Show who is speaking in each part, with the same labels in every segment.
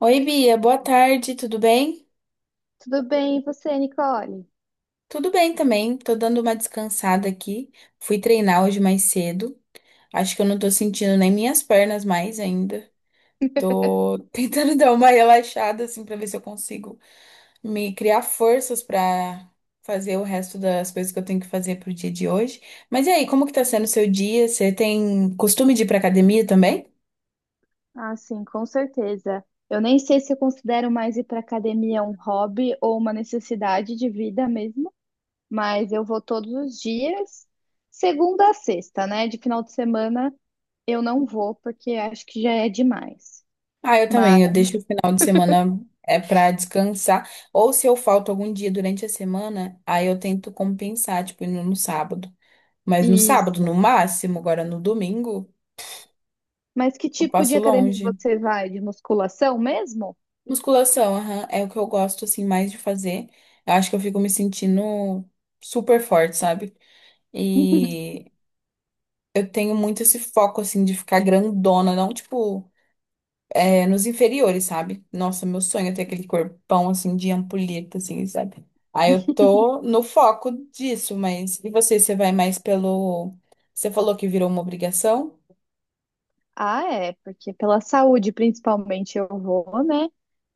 Speaker 1: Oi, Bia, boa tarde, tudo bem?
Speaker 2: Tudo bem, e você, Nicole?
Speaker 1: Tudo bem também, tô dando uma descansada aqui. Fui treinar hoje mais cedo. Acho que eu não tô sentindo nem minhas pernas mais ainda. Tô tentando dar uma relaxada assim pra ver se eu consigo me criar forças pra fazer o resto das coisas que eu tenho que fazer pro dia de hoje. Mas e aí, como que tá sendo o seu dia? Você tem costume de ir pra academia também?
Speaker 2: Ah, sim, com certeza. Eu nem sei se eu considero mais ir para academia um hobby ou uma necessidade de vida mesmo, mas eu vou todos os dias, segunda a sexta, né? De final de semana eu não vou porque acho que já é demais.
Speaker 1: Ah, eu
Speaker 2: Mas
Speaker 1: também. Eu deixo o final de semana é para descansar. Ou se eu falto algum dia durante a semana, aí eu tento compensar, tipo, indo no sábado. Mas no sábado, no
Speaker 2: isso.
Speaker 1: máximo, agora no domingo,
Speaker 2: Mas que
Speaker 1: eu
Speaker 2: tipo de
Speaker 1: passo
Speaker 2: academia
Speaker 1: longe.
Speaker 2: você vai? De musculação mesmo?
Speaker 1: Musculação, aham, é o que eu gosto, assim, mais de fazer. Eu acho que eu fico me sentindo super forte, sabe? E eu tenho muito esse foco, assim, de ficar grandona, não, tipo. É, nos inferiores, sabe? Nossa, meu sonho é ter aquele corpão assim de ampulheta, assim, sabe? Aí eu tô no foco disso, mas e você, você vai mais pelo. Você falou que virou uma obrigação?
Speaker 2: Ah, é, porque pela saúde principalmente eu vou, né?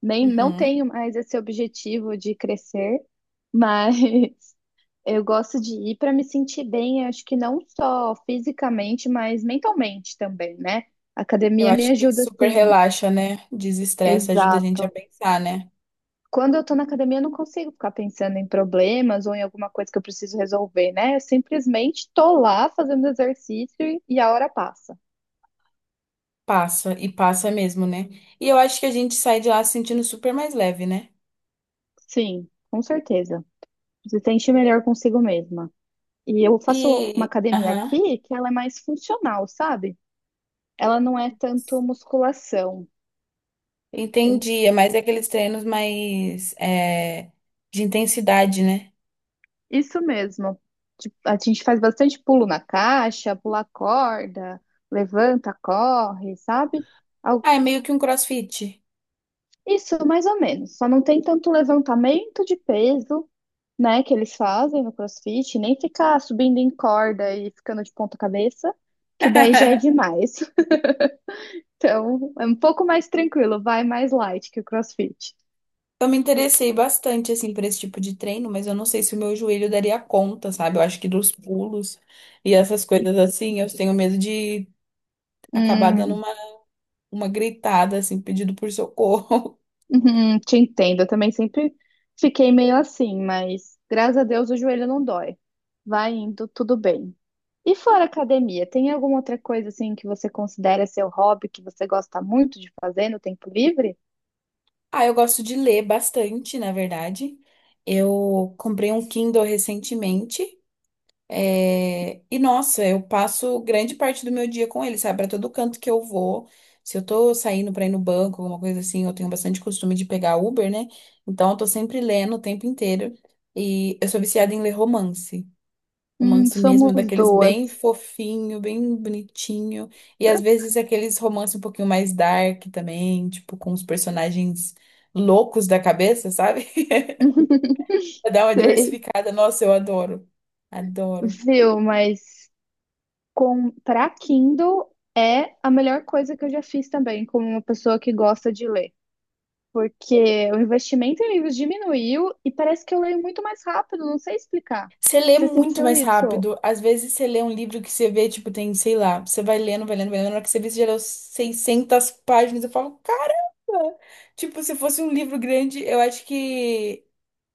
Speaker 2: Nem não
Speaker 1: Uhum.
Speaker 2: tenho mais esse objetivo de crescer, mas eu gosto de ir para me sentir bem, acho que não só fisicamente, mas mentalmente também, né? A
Speaker 1: Eu
Speaker 2: academia me
Speaker 1: acho que
Speaker 2: ajuda
Speaker 1: super
Speaker 2: assim,
Speaker 1: relaxa, né? Desestressa, ajuda a gente a
Speaker 2: exato.
Speaker 1: pensar, né?
Speaker 2: Quando eu tô na academia, eu não consigo ficar pensando em problemas ou em alguma coisa que eu preciso resolver, né? Eu simplesmente tô lá fazendo exercício e a hora passa.
Speaker 1: Passa, e passa mesmo, né? E eu acho que a gente sai de lá se sentindo super mais leve, né?
Speaker 2: Sim, com certeza. Se sente melhor consigo mesma. E eu faço uma
Speaker 1: E.
Speaker 2: academia
Speaker 1: Aham.
Speaker 2: aqui que ela é mais funcional, sabe? Ela não é tanto musculação.
Speaker 1: Entendi. É mais aqueles treinos mais. É, de intensidade, né?
Speaker 2: Isso mesmo. Tipo, a gente faz bastante pulo na caixa, pula corda, levanta, corre, sabe? Al-
Speaker 1: Ah, é meio que um crossfit.
Speaker 2: Isso, mais ou menos. Só não tem tanto levantamento de peso, né, que eles fazem no CrossFit, nem ficar subindo em corda e ficando de ponta cabeça, que daí já é demais. Então, é um pouco mais tranquilo, vai mais light que o CrossFit.
Speaker 1: Eu me interessei bastante, assim, por esse tipo de treino, mas eu não sei se o meu joelho daria conta, sabe? Eu acho que dos pulos e essas coisas assim, eu tenho medo de acabar dando
Speaker 2: Hum,
Speaker 1: uma gritada, assim, pedido por socorro.
Speaker 2: uhum, te entendo, eu também sempre fiquei meio assim, mas graças a Deus o joelho não dói. Vai indo, tudo bem. E fora academia, tem alguma outra coisa assim que você considera seu hobby, que você gosta muito de fazer no tempo livre?
Speaker 1: Ah, eu gosto de ler bastante, na verdade. Eu comprei um Kindle recentemente. É, e nossa, eu passo grande parte do meu dia com ele, sabe? Pra todo canto que eu vou. Se eu tô saindo pra ir no banco, alguma coisa assim, eu tenho bastante costume de pegar Uber, né? Então eu tô sempre lendo o tempo inteiro. E eu sou viciada em ler romance. Romance mesmo,
Speaker 2: Somos
Speaker 1: daqueles bem
Speaker 2: duas.
Speaker 1: fofinho, bem bonitinho. E às vezes aqueles romances um pouquinho mais dark também, tipo, com os personagens loucos da cabeça, sabe? Pra dar uma
Speaker 2: Sei,
Speaker 1: diversificada. Nossa, eu adoro. Adoro.
Speaker 2: viu, mas comprar Kindle é a melhor coisa que eu já fiz também, como uma pessoa que gosta de ler. Porque o investimento em livros diminuiu e parece que eu leio muito mais rápido, não sei explicar.
Speaker 1: Você lê
Speaker 2: Você
Speaker 1: muito
Speaker 2: sentiu
Speaker 1: mais
Speaker 2: isso?
Speaker 1: rápido. Às vezes você lê um livro que você vê, tipo, tem, sei lá, você vai lendo, vai lendo, vai lendo, na hora que você vê, você já leu 600 páginas. Eu falo, caramba! Tipo, se fosse um livro grande, eu acho que.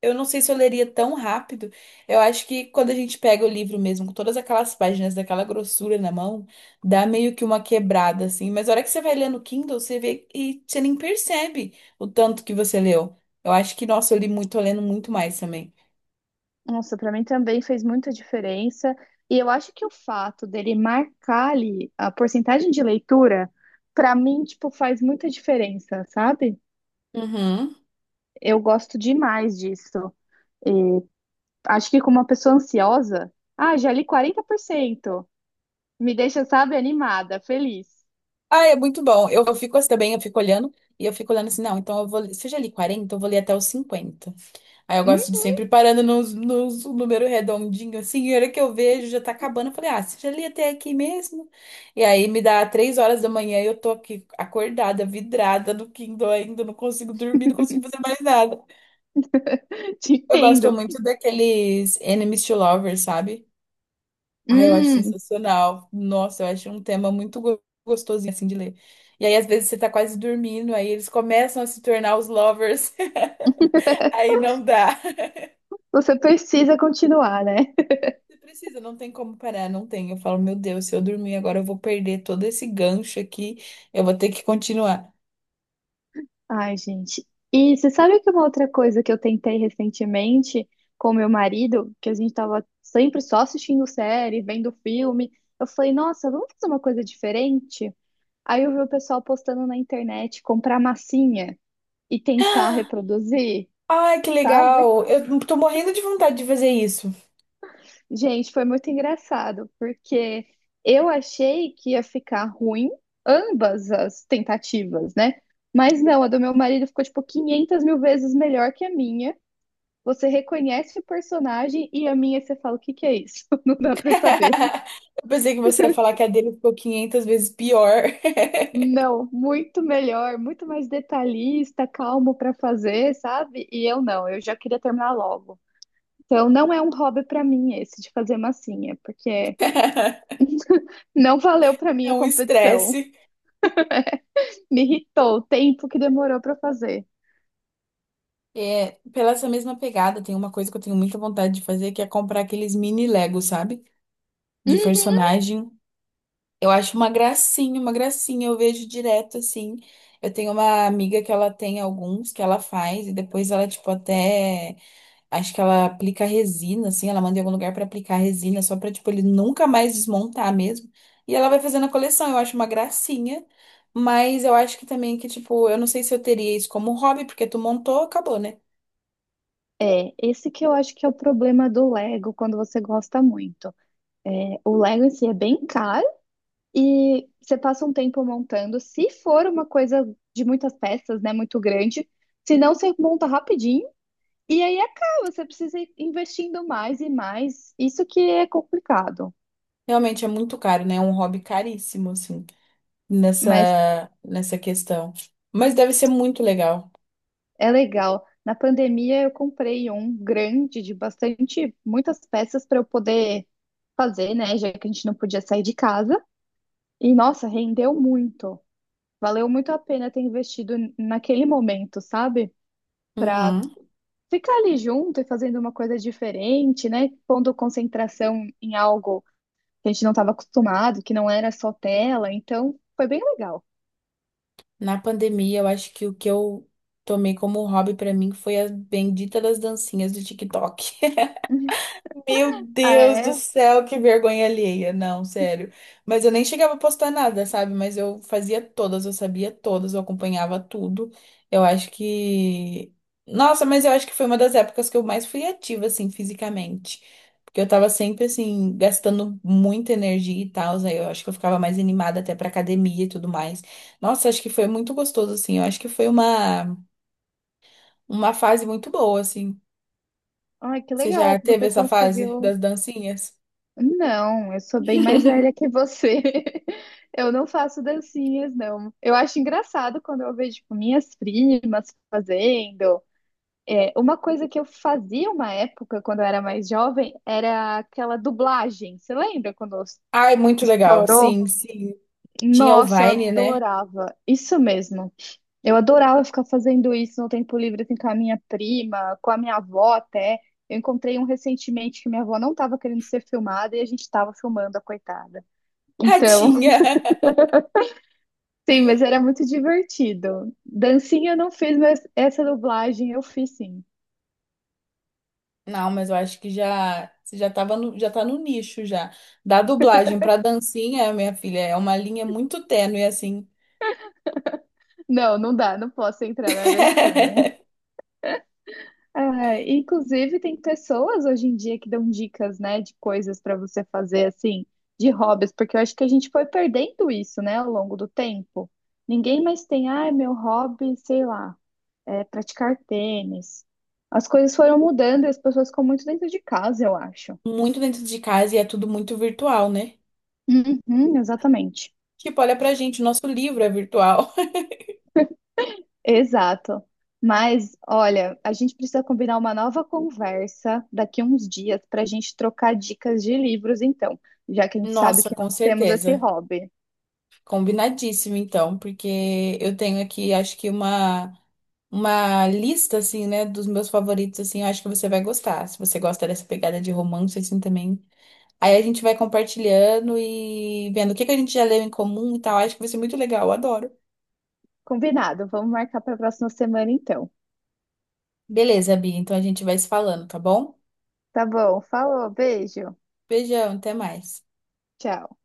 Speaker 1: Eu não sei se eu leria tão rápido. Eu acho que quando a gente pega o livro mesmo, com todas aquelas páginas daquela grossura na mão, dá meio que uma quebrada, assim. Mas a hora que você vai lendo o Kindle, você vê e você nem percebe o tanto que você leu. Eu acho que, nossa, eu li muito, tô lendo muito mais também.
Speaker 2: Nossa, para mim também fez muita diferença. E eu acho que o fato dele marcar ali a porcentagem de leitura, para mim, tipo, faz muita diferença, sabe?
Speaker 1: Uhum.
Speaker 2: Eu gosto demais disso. Acho que como uma pessoa ansiosa, ah, já li 40%, me deixa, sabe, animada, feliz.
Speaker 1: Ah, é muito bom. Eu fico assim também, eu fico olhando e eu fico olhando assim, não, então eu vou, se eu já li 40, eu vou ler até os 50. Aí eu
Speaker 2: Hum.
Speaker 1: gosto de sempre parando nos um número redondinho, assim, e a hora que eu vejo já tá acabando, eu falei, ah, se eu já li até aqui mesmo. E aí me dá 3 horas da manhã e eu tô aqui acordada, vidrada no Kindle ainda, não consigo dormir, não consigo fazer mais nada.
Speaker 2: Te
Speaker 1: Eu gosto
Speaker 2: entendo.
Speaker 1: muito daqueles Enemies to Lovers, sabe? Ah, eu acho
Speaker 2: Hum,
Speaker 1: sensacional. Nossa, eu acho um tema muito gostosinho assim de ler. E aí, às vezes, você tá quase dormindo, aí eles começam a se tornar os lovers. Aí não dá.
Speaker 2: você precisa continuar, né?
Speaker 1: Você precisa, não tem como parar, não tem. Eu falo, meu Deus, se eu dormir agora, eu vou perder todo esse gancho aqui. Eu vou ter que continuar.
Speaker 2: Ai, gente. E você sabe que uma outra coisa que eu tentei recentemente com meu marido, que a gente tava sempre só assistindo série, vendo filme, eu falei, nossa, vamos fazer uma coisa diferente? Aí eu vi o pessoal postando na internet comprar massinha e tentar reproduzir,
Speaker 1: Ai, que
Speaker 2: sabe?
Speaker 1: legal! Eu tô morrendo de vontade de fazer isso.
Speaker 2: Gente, foi muito engraçado, porque eu achei que ia ficar ruim ambas as tentativas, né? Mas não, a do meu marido ficou tipo 500 mil vezes melhor que a minha. Você reconhece o personagem e a minha você fala, o que que é isso? Não dá pra saber.
Speaker 1: Eu pensei que você ia falar que a dele ficou 500 vezes pior.
Speaker 2: Não, muito melhor, muito mais detalhista, calmo pra fazer, sabe? E eu não, eu já queria terminar logo. Então não é um hobby pra mim esse de fazer massinha, porque não valeu pra mim
Speaker 1: É
Speaker 2: a
Speaker 1: um
Speaker 2: competição.
Speaker 1: estresse.
Speaker 2: Me irritou o tempo que demorou pra fazer.
Speaker 1: É, pela essa mesma pegada, tem uma coisa que eu tenho muita vontade de fazer, que é comprar aqueles mini Lego, sabe? De
Speaker 2: Uhum.
Speaker 1: personagem. Eu acho uma gracinha, uma gracinha. Eu vejo direto assim. Eu tenho uma amiga que ela tem alguns que ela faz e depois ela, tipo, até. Acho que ela aplica resina, assim. Ela manda em algum lugar pra aplicar resina, só pra, tipo, ele nunca mais desmontar mesmo. E ela vai fazendo a coleção. Eu acho uma gracinha. Mas eu acho que também que, tipo, eu não sei se eu teria isso como hobby, porque tu montou, acabou, né?
Speaker 2: É, esse que eu acho que é o problema do Lego quando você gosta muito. É, o Lego em si é bem caro. E você passa um tempo montando. Se for uma coisa de muitas peças, né, muito grande, se não, você monta rapidinho e aí acaba. Você precisa ir investindo mais e mais. Isso que é complicado,
Speaker 1: Realmente é muito caro, né? É um hobby caríssimo, assim,
Speaker 2: mas
Speaker 1: nessa questão. Mas deve ser muito legal.
Speaker 2: é legal. Na pandemia, eu comprei um grande de bastante, muitas peças para eu poder fazer, né, já que a gente não podia sair de casa. E nossa, rendeu muito. Valeu muito a pena ter investido naquele momento, sabe? Para
Speaker 1: Uhum.
Speaker 2: ficar ali junto e fazendo uma coisa diferente, né? Pondo concentração em algo que a gente não estava acostumado, que não era só tela. Então, foi bem legal.
Speaker 1: Na pandemia, eu acho que o que eu tomei como hobby pra mim foi a bendita das dancinhas do TikTok. Meu
Speaker 2: Ah,
Speaker 1: Deus do
Speaker 2: é?
Speaker 1: céu, que vergonha alheia. Não, sério. Mas eu nem chegava a postar nada, sabe? Mas eu fazia todas, eu sabia todas, eu acompanhava tudo. Eu acho que. Nossa, mas eu acho que foi uma das épocas que eu mais fui ativa, assim, fisicamente. Porque eu tava sempre, assim, gastando muita energia e tal. Aí eu acho que eu ficava mais animada até pra academia e tudo mais. Nossa, acho que foi muito gostoso, assim. Eu acho que foi uma fase muito boa, assim.
Speaker 2: Ai, que
Speaker 1: Você já
Speaker 2: legal que
Speaker 1: teve
Speaker 2: você
Speaker 1: essa fase
Speaker 2: conseguiu.
Speaker 1: das dancinhas?
Speaker 2: Não, eu sou bem mais velha que você. Eu não faço dancinhas, não. Eu acho engraçado quando eu vejo, tipo, minhas primas fazendo. É, uma coisa que eu fazia uma época, quando eu era mais jovem, era aquela dublagem. Você lembra quando
Speaker 1: Ai, muito legal.
Speaker 2: estourou?
Speaker 1: Sim, sim. Tinha o
Speaker 2: Nossa, eu
Speaker 1: Vine, né?
Speaker 2: adorava. Isso mesmo. Eu adorava ficar fazendo isso no tempo livre, assim, com a minha prima, com a minha avó até. Eu encontrei um recentemente que minha avó não estava querendo ser filmada e a gente estava filmando a coitada.
Speaker 1: Ah,
Speaker 2: Então,
Speaker 1: tinha.
Speaker 2: sim, mas era muito divertido. Dancinha eu não fiz, mas essa dublagem eu fiz sim.
Speaker 1: Não, mas eu acho que já você já tava já tá no nicho já. Da dublagem pra dancinha, minha filha, é uma linha muito tênue assim.
Speaker 2: Não, não dá, não posso entrar na dancinha. É, inclusive, tem pessoas hoje em dia que dão dicas, né, de coisas para você fazer, assim, de hobbies, porque eu acho que a gente foi perdendo isso, né, ao longo do tempo. Ninguém mais tem, ah, meu hobby, sei lá, é praticar tênis. As coisas foram mudando e as pessoas ficam muito dentro de casa, eu acho.
Speaker 1: Muito dentro de casa e é tudo muito virtual, né?
Speaker 2: Uhum, exatamente.
Speaker 1: Tipo, olha pra gente, o nosso livro é virtual.
Speaker 2: Exato. Mas, olha, a gente precisa combinar uma nova conversa daqui uns dias para a gente trocar dicas de livros, então, já que a gente sabe
Speaker 1: Nossa,
Speaker 2: que
Speaker 1: com
Speaker 2: nós temos esse
Speaker 1: certeza.
Speaker 2: hobby.
Speaker 1: Combinadíssimo, então, porque eu tenho aqui, acho que uma lista, assim, né, dos meus favoritos, assim, eu acho que você vai gostar. Se você gosta dessa pegada de romance, assim, também. Aí a gente vai compartilhando e vendo o que que a gente já leu em comum e tal. Acho que vai ser muito legal, eu adoro.
Speaker 2: Combinado, vamos marcar para a próxima semana, então.
Speaker 1: Beleza, Bia, então a gente vai se falando, tá bom?
Speaker 2: Tá bom, falou, beijo,
Speaker 1: Beijão, até mais.
Speaker 2: tchau.